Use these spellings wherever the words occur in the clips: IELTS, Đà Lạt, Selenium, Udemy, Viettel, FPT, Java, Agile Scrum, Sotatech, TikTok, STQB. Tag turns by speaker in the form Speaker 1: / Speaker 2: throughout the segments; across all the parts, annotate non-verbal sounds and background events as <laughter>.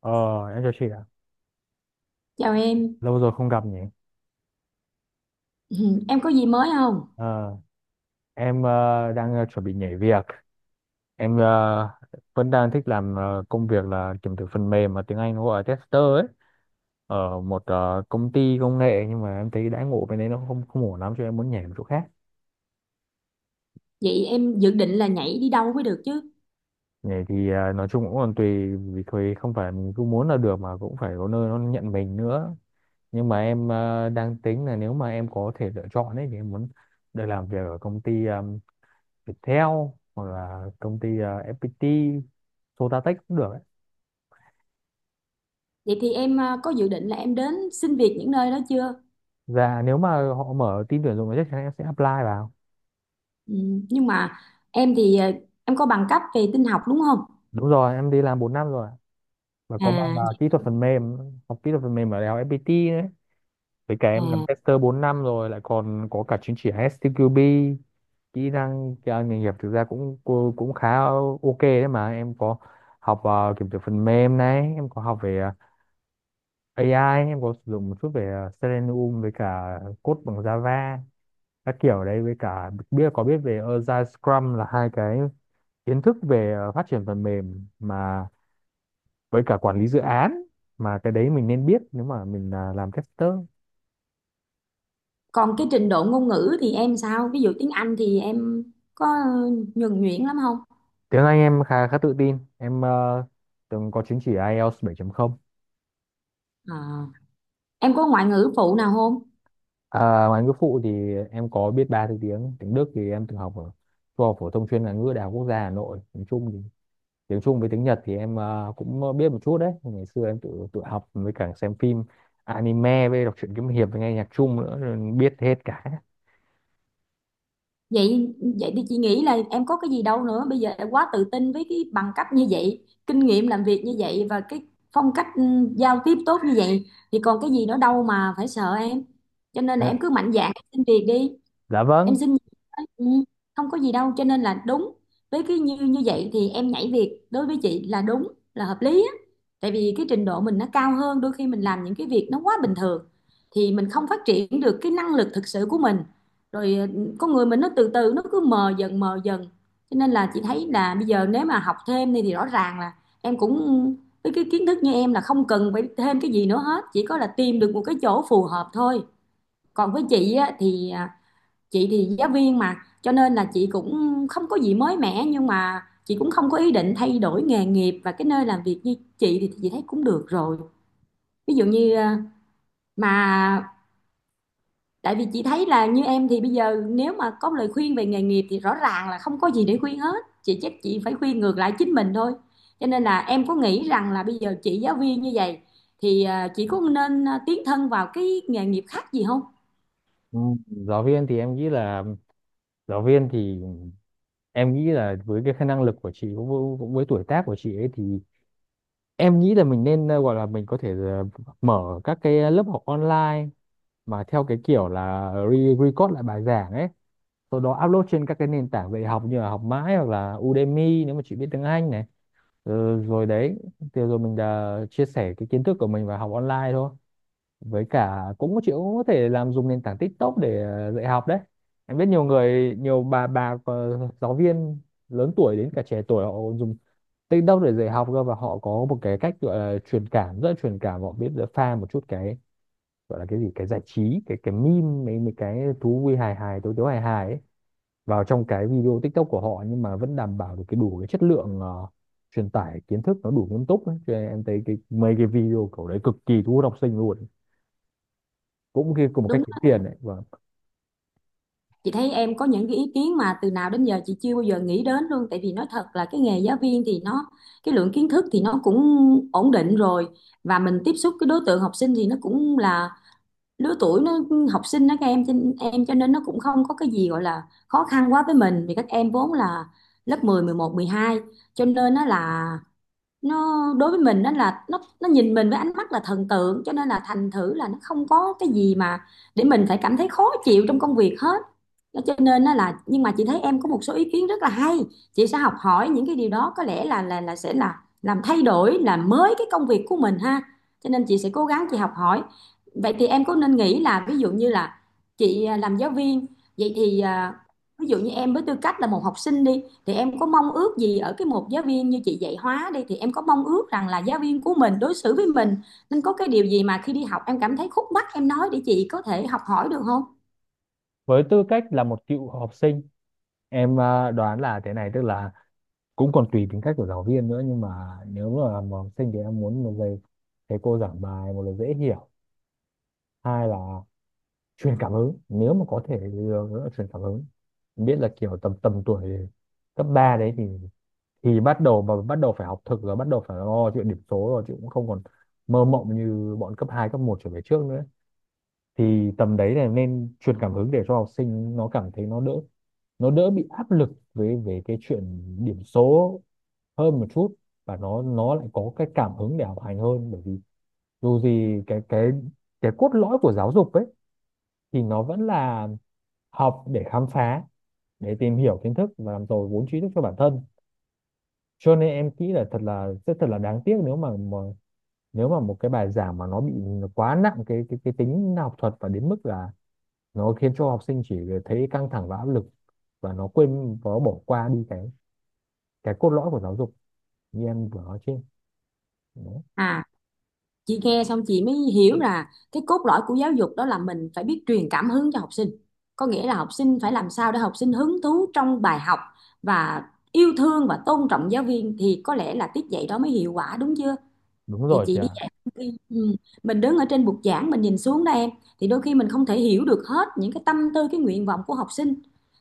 Speaker 1: Ờ, em chào chị ạ.
Speaker 2: Chào em,
Speaker 1: Lâu rồi không gặp nhỉ.
Speaker 2: <clears throat> <laughs> em có gì mới không?
Speaker 1: Ờ, em đang chuẩn bị nhảy việc. Em vẫn đang thích làm công việc là kiểm thử phần mềm, mà tiếng Anh nó gọi là tester ấy. Ở một công ty công nghệ, nhưng mà em thấy đãi ngộ bên đấy nó không không ổn lắm cho em muốn nhảy một chỗ khác.
Speaker 2: Vậy em dự định là nhảy đi đâu mới được chứ?
Speaker 1: Nhảy thì nói chung cũng còn tùy, vì thôi không phải mình cứ muốn là được mà cũng phải có nơi nó nhận mình nữa. Nhưng mà em đang tính là nếu mà em có thể lựa chọn ấy thì em muốn được làm việc ở công ty Viettel hoặc là công ty FPT, Sotatech cũng được ấy.
Speaker 2: Vậy thì em có dự định là em đến xin việc những nơi đó chưa?
Speaker 1: Và nếu mà họ mở team tuyển dụng thì chắc chắn em sẽ apply vào.
Speaker 2: Ừ, nhưng mà em thì à, em có bằng cấp về tin học đúng không?
Speaker 1: Đúng rồi, em đi làm 4 năm rồi ạ. Và có bằng
Speaker 2: À,
Speaker 1: kỹ thuật phần mềm, học kỹ thuật phần mềm ở Đại học FPT đấy. Với cả em làm
Speaker 2: à,
Speaker 1: tester 4 năm rồi, lại còn có cả chứng chỉ STQB, kỹ năng nghề nghiệp thực ra cũng cũng cũng khá ok đấy mà. Em có học kiểm duyệt phần mềm này, em có học về AI, em có sử dụng một chút về Selenium, với cả code bằng Java các kiểu đấy, với cả biết có biết về Agile Scrum, là hai cái kiến thức về phát triển phần mềm mà với cả quản lý dự án, mà cái đấy mình nên biết nếu mà mình là làm tester.
Speaker 2: Còn cái trình độ ngôn ngữ thì em sao? Ví dụ tiếng Anh thì em có nhuần nhuyễn lắm không?
Speaker 1: Tiếng Anh em khá khá tự tin, em từng có chứng chỉ IELTS 7.0.
Speaker 2: À, em có ngoại ngữ phụ nào không?
Speaker 1: À, ngoại ngữ phụ thì em có biết ba thứ tiếng. Tiếng Đức thì em từng học ở trung học phổ thông chuyên ngoại ngữ Đại học Quốc gia Hà Nội, nói chung thì tiếng Trung với tiếng Nhật thì em cũng biết một chút đấy, ngày xưa em tự tự học với cả xem phim anime với đọc truyện kiếm hiệp với nghe nhạc Trung nữa rồi biết hết cả.
Speaker 2: Vậy vậy thì chị nghĩ là em có cái gì đâu nữa, bây giờ em quá tự tin với cái bằng cấp như vậy, kinh nghiệm làm việc như vậy và cái phong cách giao tiếp tốt như vậy thì còn cái gì nữa đâu mà phải sợ em, cho nên là
Speaker 1: À,
Speaker 2: em cứ mạnh dạn xin việc đi,
Speaker 1: dạ vâng.
Speaker 2: em xin nghỉ thôi. Ừ, Không có gì đâu, cho nên là đúng với cái như như vậy thì em nhảy việc đối với chị là đúng là hợp lý á, tại vì cái trình độ mình nó cao hơn, đôi khi mình làm những cái việc nó quá bình thường thì mình không phát triển được cái năng lực thực sự của mình rồi, con người mình nó từ từ nó cứ mờ dần mờ dần, cho nên là chị thấy là bây giờ nếu mà học thêm đi thì rõ ràng là em cũng với cái kiến thức như em là không cần phải thêm cái gì nữa hết, chỉ có là tìm được một cái chỗ phù hợp thôi. Còn với chị á, chị thì giáo viên mà, cho nên là chị cũng không có gì mới mẻ, nhưng mà chị cũng không có ý định thay đổi nghề nghiệp, và cái nơi làm việc như chị thì chị thấy cũng được rồi. Ví dụ như ờ, mà tại vì chị thấy là như em thì bây giờ nếu mà có lời khuyên về nghề nghiệp thì rõ ràng là không có gì để khuyên hết, chị chắc chị phải khuyên ngược lại chính mình thôi. Cho nên là em có nghĩ rằng là bây giờ chị giáo viên như vậy thì chị có nên tiến thân vào cái nghề nghiệp khác gì không?
Speaker 1: Ừ, giáo viên thì em nghĩ là giáo viên thì em nghĩ là với cái khả năng lực của chị cũng với tuổi tác của chị ấy thì em nghĩ là mình nên gọi là mình có thể mở các cái lớp học online, mà theo cái kiểu là record lại bài giảng ấy, sau đó upload trên các cái nền tảng về học như là Học Mãi hoặc là Udemy nếu mà chị biết tiếng Anh này. Ừ, rồi đấy, thì rồi mình đã chia sẻ cái kiến thức của mình và học online thôi. Với cả, cũng chị cũng có thể làm dùng nền tảng TikTok để dạy học đấy. Em biết nhiều người, nhiều bà giáo viên lớn tuổi đến cả trẻ tuổi họ dùng TikTok để dạy học cơ, và họ có một cái cách gọi là truyền cảm, rất là truyền cảm. Họ biết được pha một chút cái gọi là cái gì, cái giải trí, cái meme, mấy mấy cái thú vui hài hài tối tối hài hài ấy vào trong cái video TikTok của họ, nhưng mà vẫn đảm bảo được cái đủ cái chất lượng truyền tải kiến thức nó đủ nghiêm túc ấy. Cho nên em thấy cái mấy cái video kiểu đấy cực kỳ thu hút học sinh luôn, cũng khi cùng một cách
Speaker 2: Đúng,
Speaker 1: kiếm tiền đấy. Và
Speaker 2: chị thấy em có những cái ý kiến mà từ nào đến giờ chị chưa bao giờ nghĩ đến luôn, tại vì nói thật là cái nghề giáo viên thì nó cái lượng kiến thức thì nó cũng ổn định rồi, và mình tiếp xúc cái đối tượng học sinh thì nó cũng là lứa tuổi nó học sinh đó, các em cho nên nó cũng không có cái gì gọi là khó khăn quá với mình, vì các em vốn là lớp 10, 11, 12 cho nên nó là nó đối với mình đó là nó nhìn mình với ánh mắt là thần tượng, cho nên là thành thử là nó không có cái gì mà để mình phải cảm thấy khó chịu trong công việc hết. Đó, cho nên đó là, nhưng mà chị thấy em có một số ý kiến rất là hay, chị sẽ học hỏi những cái điều đó, có lẽ là sẽ làm thay đổi làm mới cái công việc của mình ha, cho nên chị sẽ cố gắng chị học hỏi. Vậy thì em có nên nghĩ là ví dụ như là chị làm giáo viên, vậy thì ví dụ như em với tư cách là một học sinh đi, thì em có mong ước gì ở cái một giáo viên như chị dạy hóa đi, thì em có mong ước rằng là giáo viên của mình đối xử với mình nên có cái điều gì mà khi đi học em cảm thấy khúc mắc em nói để chị có thể học hỏi được không?
Speaker 1: với tư cách là một cựu học sinh, em đoán là thế này, tức là cũng còn tùy tính cách của giáo viên nữa, nhưng mà nếu mà là học sinh thì em muốn một giây thầy cô giảng bài, một là dễ hiểu, hai là truyền cảm hứng, nếu mà có thể thì ờ, truyền cảm hứng. Em biết là kiểu tầm tầm tuổi cấp 3 đấy thì bắt đầu, mà bắt đầu phải học thực rồi, bắt đầu phải lo chuyện điểm số rồi, chứ cũng không còn mơ mộng như bọn cấp 2 cấp một trở về trước nữa. Thì tầm đấy là nên truyền cảm hứng để cho học sinh nó cảm thấy nó đỡ bị áp lực về về cái chuyện điểm số hơn một chút, và nó lại có cái cảm hứng để học hành hơn, bởi vì dù gì cái cốt lõi của giáo dục ấy thì nó vẫn là học để khám phá, để tìm hiểu kiến thức và làm giàu vốn tri thức cho bản thân. Cho nên em nghĩ là thật là sẽ thật là đáng tiếc nếu mà một cái bài giảng mà nó bị quá nặng cái tính học thuật, và đến mức là nó khiến cho học sinh chỉ thấy căng thẳng và áp lực, và nó quên và nó bỏ qua đi cái cốt lõi của giáo dục như em vừa nói trên. Đúng,
Speaker 2: À, chị nghe xong chị mới hiểu là cái cốt lõi của giáo dục đó là mình phải biết truyền cảm hứng cho học sinh, có nghĩa là học sinh phải làm sao để học sinh hứng thú trong bài học và yêu thương và tôn trọng giáo viên, thì có lẽ là tiết dạy đó mới hiệu quả đúng chưa?
Speaker 1: đúng
Speaker 2: Thì
Speaker 1: rồi
Speaker 2: chị
Speaker 1: chị
Speaker 2: đi
Speaker 1: ạ.
Speaker 2: dạy đi. Ừ. Mình đứng ở trên bục giảng mình nhìn xuống đó em, thì đôi khi mình không thể hiểu được hết những cái tâm tư cái nguyện vọng của học sinh,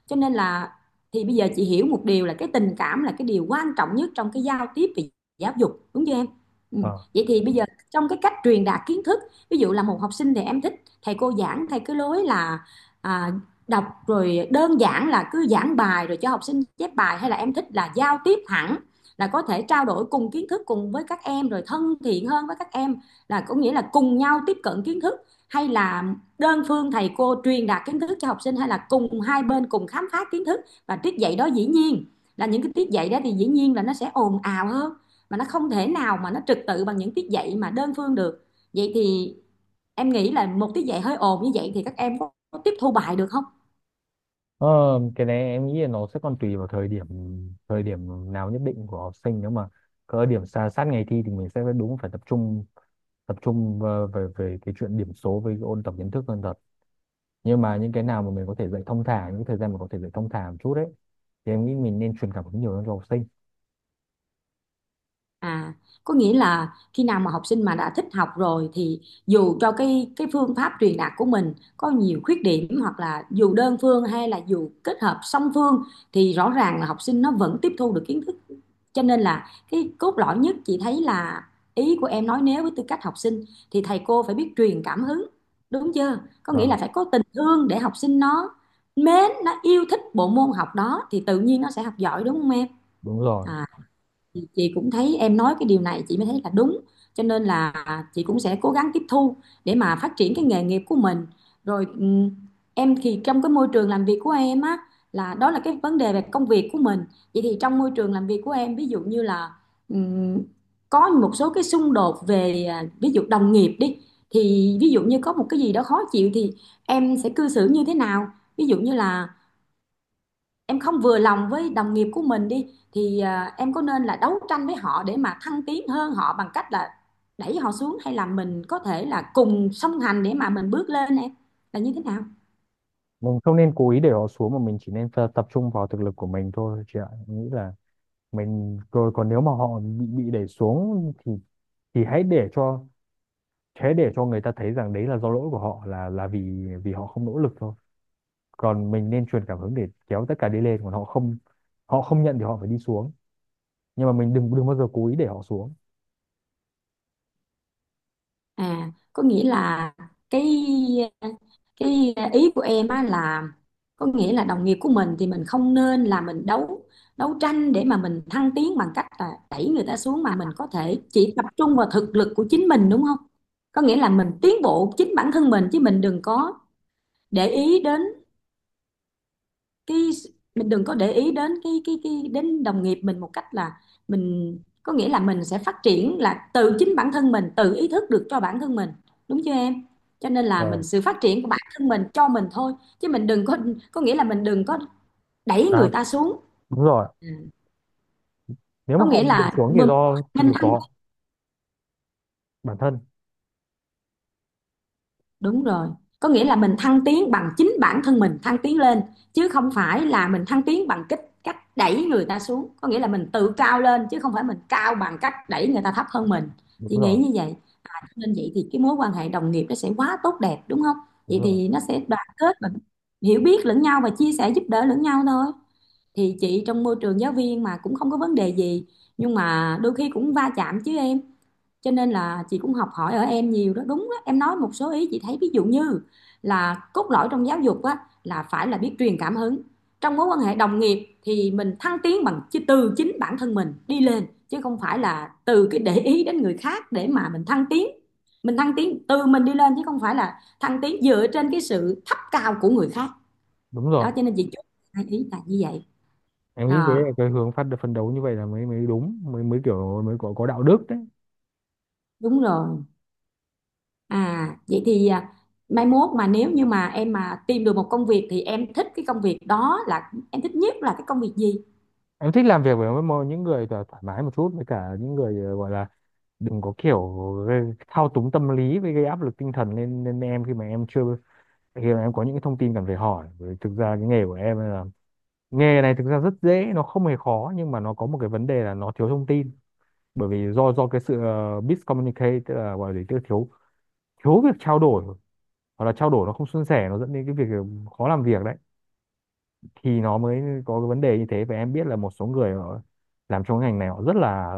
Speaker 2: cho nên là thì bây giờ chị hiểu một điều là cái tình cảm là cái điều quan trọng nhất trong cái giao tiếp về giáo dục đúng chưa em? Ừ.
Speaker 1: Ờ.
Speaker 2: Vậy thì bây giờ trong cái cách truyền đạt kiến thức, ví dụ là một học sinh thì em thích thầy cô giảng theo cái lối là à, đọc rồi đơn giản là cứ giảng bài rồi cho học sinh chép bài, hay là em thích là giao tiếp hẳn, là có thể trao đổi cùng kiến thức cùng với các em rồi thân thiện hơn với các em, là có nghĩa là cùng nhau tiếp cận kiến thức, hay là đơn phương thầy cô truyền đạt kiến thức cho học sinh, hay là cùng hai bên cùng khám phá kiến thức, và tiết dạy đó dĩ nhiên là những cái tiết dạy đó thì dĩ nhiên là nó sẽ ồn ào hơn, mà nó không thể nào mà nó trật tự bằng những tiết dạy mà đơn phương được. Vậy thì em nghĩ là một tiết dạy hơi ồn như vậy thì các em có tiếp thu bài được không?
Speaker 1: Ờ, cái này em nghĩ là nó sẽ còn tùy vào thời điểm nào nhất định của học sinh. Nếu mà có điểm xa sát ngày thi thì mình sẽ phải, đúng, phải tập trung về về, về cái chuyện điểm số với ôn tập kiến thức hơn thật, nhưng mà những cái nào mà mình có thể dạy thông thả, những thời gian mà có thể dạy thông thả một chút đấy, thì em nghĩ mình nên truyền cảm hứng nhiều hơn cho học sinh.
Speaker 2: À, có nghĩa là khi nào mà học sinh mà đã thích học rồi thì dù cho cái phương pháp truyền đạt của mình có nhiều khuyết điểm, hoặc là dù đơn phương hay là dù kết hợp song phương, thì rõ ràng là học sinh nó vẫn tiếp thu được kiến thức. Cho nên là cái cốt lõi nhất chị thấy là ý của em nói nếu với tư cách học sinh thì thầy cô phải biết truyền cảm hứng, đúng chưa? Có nghĩa là
Speaker 1: Vâng.
Speaker 2: phải có tình thương để học sinh nó mến, nó yêu thích bộ môn học đó thì tự nhiên nó sẽ học giỏi đúng không em?
Speaker 1: Đúng rồi.
Speaker 2: À, thì chị cũng thấy em nói cái điều này chị mới thấy là đúng, cho nên là chị cũng sẽ cố gắng tiếp thu để mà phát triển cái nghề nghiệp của mình rồi. Em thì trong cái môi trường làm việc của em á, là đó là cái vấn đề về công việc của mình. Vậy thì trong môi trường làm việc của em ví dụ như là, ừm, có một số cái xung đột về ví dụ đồng nghiệp đi, thì ví dụ như có một cái gì đó khó chịu thì em sẽ cư xử như thế nào? Ví dụ như là em không vừa lòng với đồng nghiệp của mình đi, thì em có nên là đấu tranh với họ để mà thăng tiến hơn họ bằng cách là đẩy họ xuống, hay là mình có thể là cùng song hành để mà mình bước lên em, là như thế nào?
Speaker 1: Mình không nên cố ý để họ xuống, mà mình chỉ nên tập trung vào thực lực của mình thôi chị ạ, em nghĩ là mình rồi. Còn nếu mà họ bị đẩy xuống thì hãy để cho thế, để cho người ta thấy rằng đấy là do lỗi của họ, là vì vì họ không nỗ lực thôi. Còn mình nên truyền cảm hứng để kéo tất cả đi lên, còn họ không nhận thì họ phải đi xuống, nhưng mà mình đừng đừng bao giờ cố ý để họ xuống.
Speaker 2: À, có nghĩa là cái cái ý của em á là có nghĩa là đồng nghiệp của mình thì mình không nên là mình đấu đấu tranh để mà mình thăng tiến bằng cách là đẩy người ta xuống, mà mình có thể chỉ tập trung vào thực lực của chính mình đúng không? Có nghĩa là mình tiến bộ chính bản thân mình, chứ mình đừng có để ý đến cái, mình đừng có để ý đến cái đến đồng nghiệp mình một cách là mình, có nghĩa là mình sẽ phát triển là từ chính bản thân mình, tự ý thức được cho bản thân mình đúng chưa em? Cho nên là mình
Speaker 1: Vâng.
Speaker 2: sự phát triển của bản thân mình cho mình thôi, chứ mình đừng có, có nghĩa là mình đừng có đẩy người
Speaker 1: Sao?
Speaker 2: ta xuống.
Speaker 1: Đúng rồi,
Speaker 2: Ừ.
Speaker 1: nếu
Speaker 2: Có
Speaker 1: mà họ
Speaker 2: nghĩa
Speaker 1: bị đẩy
Speaker 2: là
Speaker 1: xuống thì
Speaker 2: mình
Speaker 1: do thực
Speaker 2: nên
Speaker 1: lực của
Speaker 2: ăn.
Speaker 1: họ bản thân.
Speaker 2: Đúng rồi. Có nghĩa là mình thăng tiến bằng chính bản thân mình thăng tiến lên, chứ không phải là mình thăng tiến bằng cách cách đẩy người ta xuống. Có nghĩa là mình tự cao lên chứ không phải mình cao bằng cách đẩy người ta thấp hơn mình.
Speaker 1: Đúng
Speaker 2: Chị nghĩ
Speaker 1: rồi,
Speaker 2: như vậy. Nên vậy thì cái mối quan hệ đồng nghiệp nó sẽ quá tốt đẹp đúng không?
Speaker 1: đúng
Speaker 2: Vậy
Speaker 1: rồi,
Speaker 2: thì nó sẽ đoàn kết và hiểu biết lẫn nhau và chia sẻ giúp đỡ lẫn nhau thôi. Thì chị trong môi trường giáo viên mà cũng không có vấn đề gì, nhưng mà đôi khi cũng va chạm chứ em, cho nên là chị cũng học hỏi ở em nhiều đó đúng đó. Em nói một số ý chị thấy, ví dụ như là cốt lõi trong giáo dục á, là phải là biết truyền cảm hứng, trong mối quan hệ đồng nghiệp thì mình thăng tiến bằng từ chính bản thân mình đi lên chứ không phải là từ cái để ý đến người khác để mà mình thăng tiến, mình thăng tiến từ mình đi lên chứ không phải là thăng tiến dựa trên cái sự thấp cao của người khác.
Speaker 1: đúng rồi.
Speaker 2: Đó cho nên chị chú ý là như vậy.
Speaker 1: Em nghĩ thế
Speaker 2: À,
Speaker 1: là cái hướng phát phân đấu như vậy là mới mới đúng, mới mới kiểu mới có đạo đức đấy.
Speaker 2: đúng rồi. À, vậy thì mai mốt mà nếu như mà em mà tìm được một công việc thì em thích cái công việc đó là em thích nhất là cái công việc gì?
Speaker 1: Em thích làm việc với những người thoải thoải mái một chút, với cả những người gọi là đừng có kiểu thao túng tâm lý với gây áp lực tinh thần lên lên em khi mà em chưa, khi mà em có những cái thông tin cần phải hỏi. Bởi thực ra cái nghề của em là, nghề này thực ra rất dễ, nó không hề khó, nhưng mà nó có một cái vấn đề là nó thiếu thông tin, bởi vì do cái sự miscommunicate, tức là gọi là thiếu thiếu việc trao đổi, hoặc là trao đổi nó không suôn sẻ, nó dẫn đến cái việc khó làm việc đấy, thì nó mới có cái vấn đề như thế. Và em biết là một số người họ làm trong cái ngành này họ rất là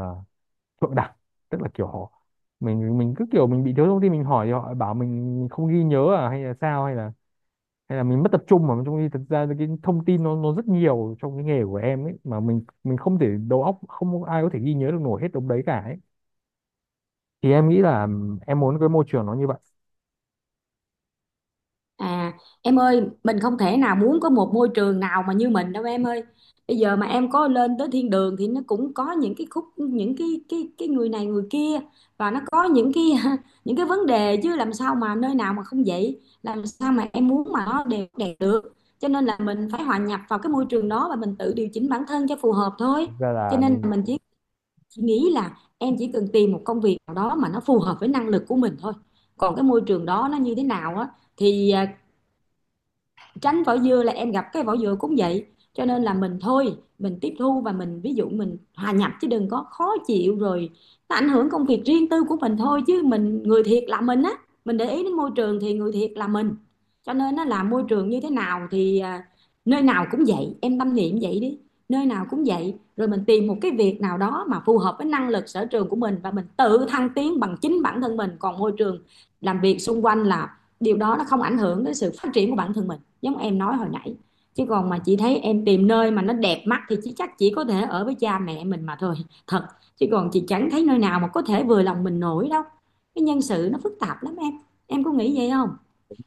Speaker 1: thượng đẳng, tức là kiểu họ, mình cứ kiểu mình bị thiếu thông tin mình hỏi thì họ bảo mình không ghi nhớ à, hay là sao, hay là mình mất tập trung, mà trong khi thực ra cái thông tin nó rất nhiều trong cái nghề của em ấy, mà mình không thể, đầu óc không ai có thể ghi nhớ được nổi hết đống đấy cả ấy. Thì em nghĩ là em muốn cái môi trường nó như vậy.
Speaker 2: À, em ơi, mình không thể nào muốn có một môi trường nào mà như mình đâu em ơi. Bây giờ mà em có lên tới thiên đường thì nó cũng có những cái khúc những cái người này người kia, và nó có những cái <laughs> những cái vấn đề, chứ làm sao mà nơi nào mà không vậy? Làm sao mà em muốn mà nó đều đẹp được? Cho nên là mình phải hòa nhập vào cái môi trường đó và mình tự điều chỉnh bản thân cho phù hợp thôi.
Speaker 1: Thực ra
Speaker 2: Cho
Speaker 1: là
Speaker 2: nên
Speaker 1: mình
Speaker 2: là mình chỉ nghĩ là em chỉ cần tìm một công việc nào đó mà nó phù hợp với năng lực của mình thôi. Còn cái môi trường đó nó như thế nào á thì tránh vỏ dừa là em gặp cái vỏ dừa cũng vậy, cho nên là mình thôi mình tiếp thu và mình ví dụ mình hòa nhập chứ đừng có khó chịu rồi nó ảnh hưởng công việc riêng tư của mình thôi, chứ mình người thiệt là mình á, mình để ý đến môi trường thì người thiệt là mình, cho nên nó là môi trường như thế nào thì nơi nào cũng vậy em tâm niệm vậy đi, nơi nào cũng vậy rồi mình tìm một cái việc nào đó mà phù hợp với năng lực sở trường của mình và mình tự thăng tiến bằng chính bản thân mình, còn môi trường làm việc xung quanh là điều đó nó không ảnh hưởng đến sự phát triển của bản thân mình giống em nói hồi nãy, chứ còn mà chị thấy em tìm nơi mà nó đẹp mắt thì chị chắc chỉ có thể ở với cha mẹ mình mà thôi, thật, chứ còn chị chẳng thấy nơi nào mà có thể vừa lòng mình nổi đâu, cái nhân sự nó phức tạp lắm em có nghĩ vậy không?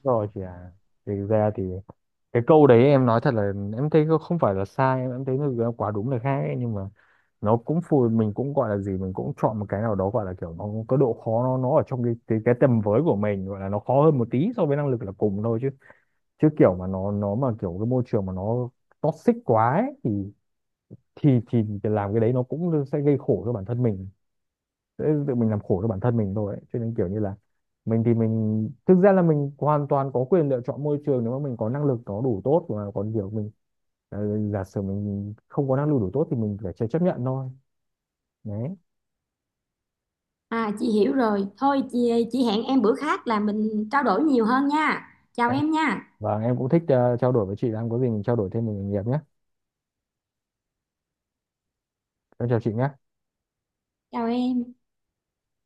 Speaker 1: rồi chị à. Thì thực ra thì cái câu đấy em nói thật là, em thấy nó không phải là sai, em thấy nó là quá đúng là khác ấy, nhưng mà nó cũng mình cũng gọi là gì, mình cũng chọn một cái nào đó gọi là kiểu nó có độ khó, nó ở trong cái tầm với của mình, gọi là nó khó hơn một tí so với năng lực là cùng thôi, chứ chứ kiểu mà nó mà kiểu cái môi trường mà nó toxic quá ấy, thì làm cái đấy nó cũng sẽ gây khổ cho bản thân mình, sẽ tự mình làm khổ cho bản thân mình thôi ấy. Cho nên kiểu như là, mình thì mình thực ra là mình hoàn toàn có quyền lựa chọn môi trường nếu mà mình có năng lực nó đủ tốt, mà còn kiểu mình ờ, giả sử mình không có năng lực đủ tốt thì mình phải chấp chấp nhận thôi đấy.
Speaker 2: À, chị hiểu rồi, thôi chị hẹn em bữa khác là mình trao đổi nhiều hơn nha, chào
Speaker 1: Em-
Speaker 2: em nha,
Speaker 1: và em cũng thích trao đổi với chị, đang có gì mình trao đổi thêm về nghề nghiệp nhé. Em chào chị nhé.
Speaker 2: chào em.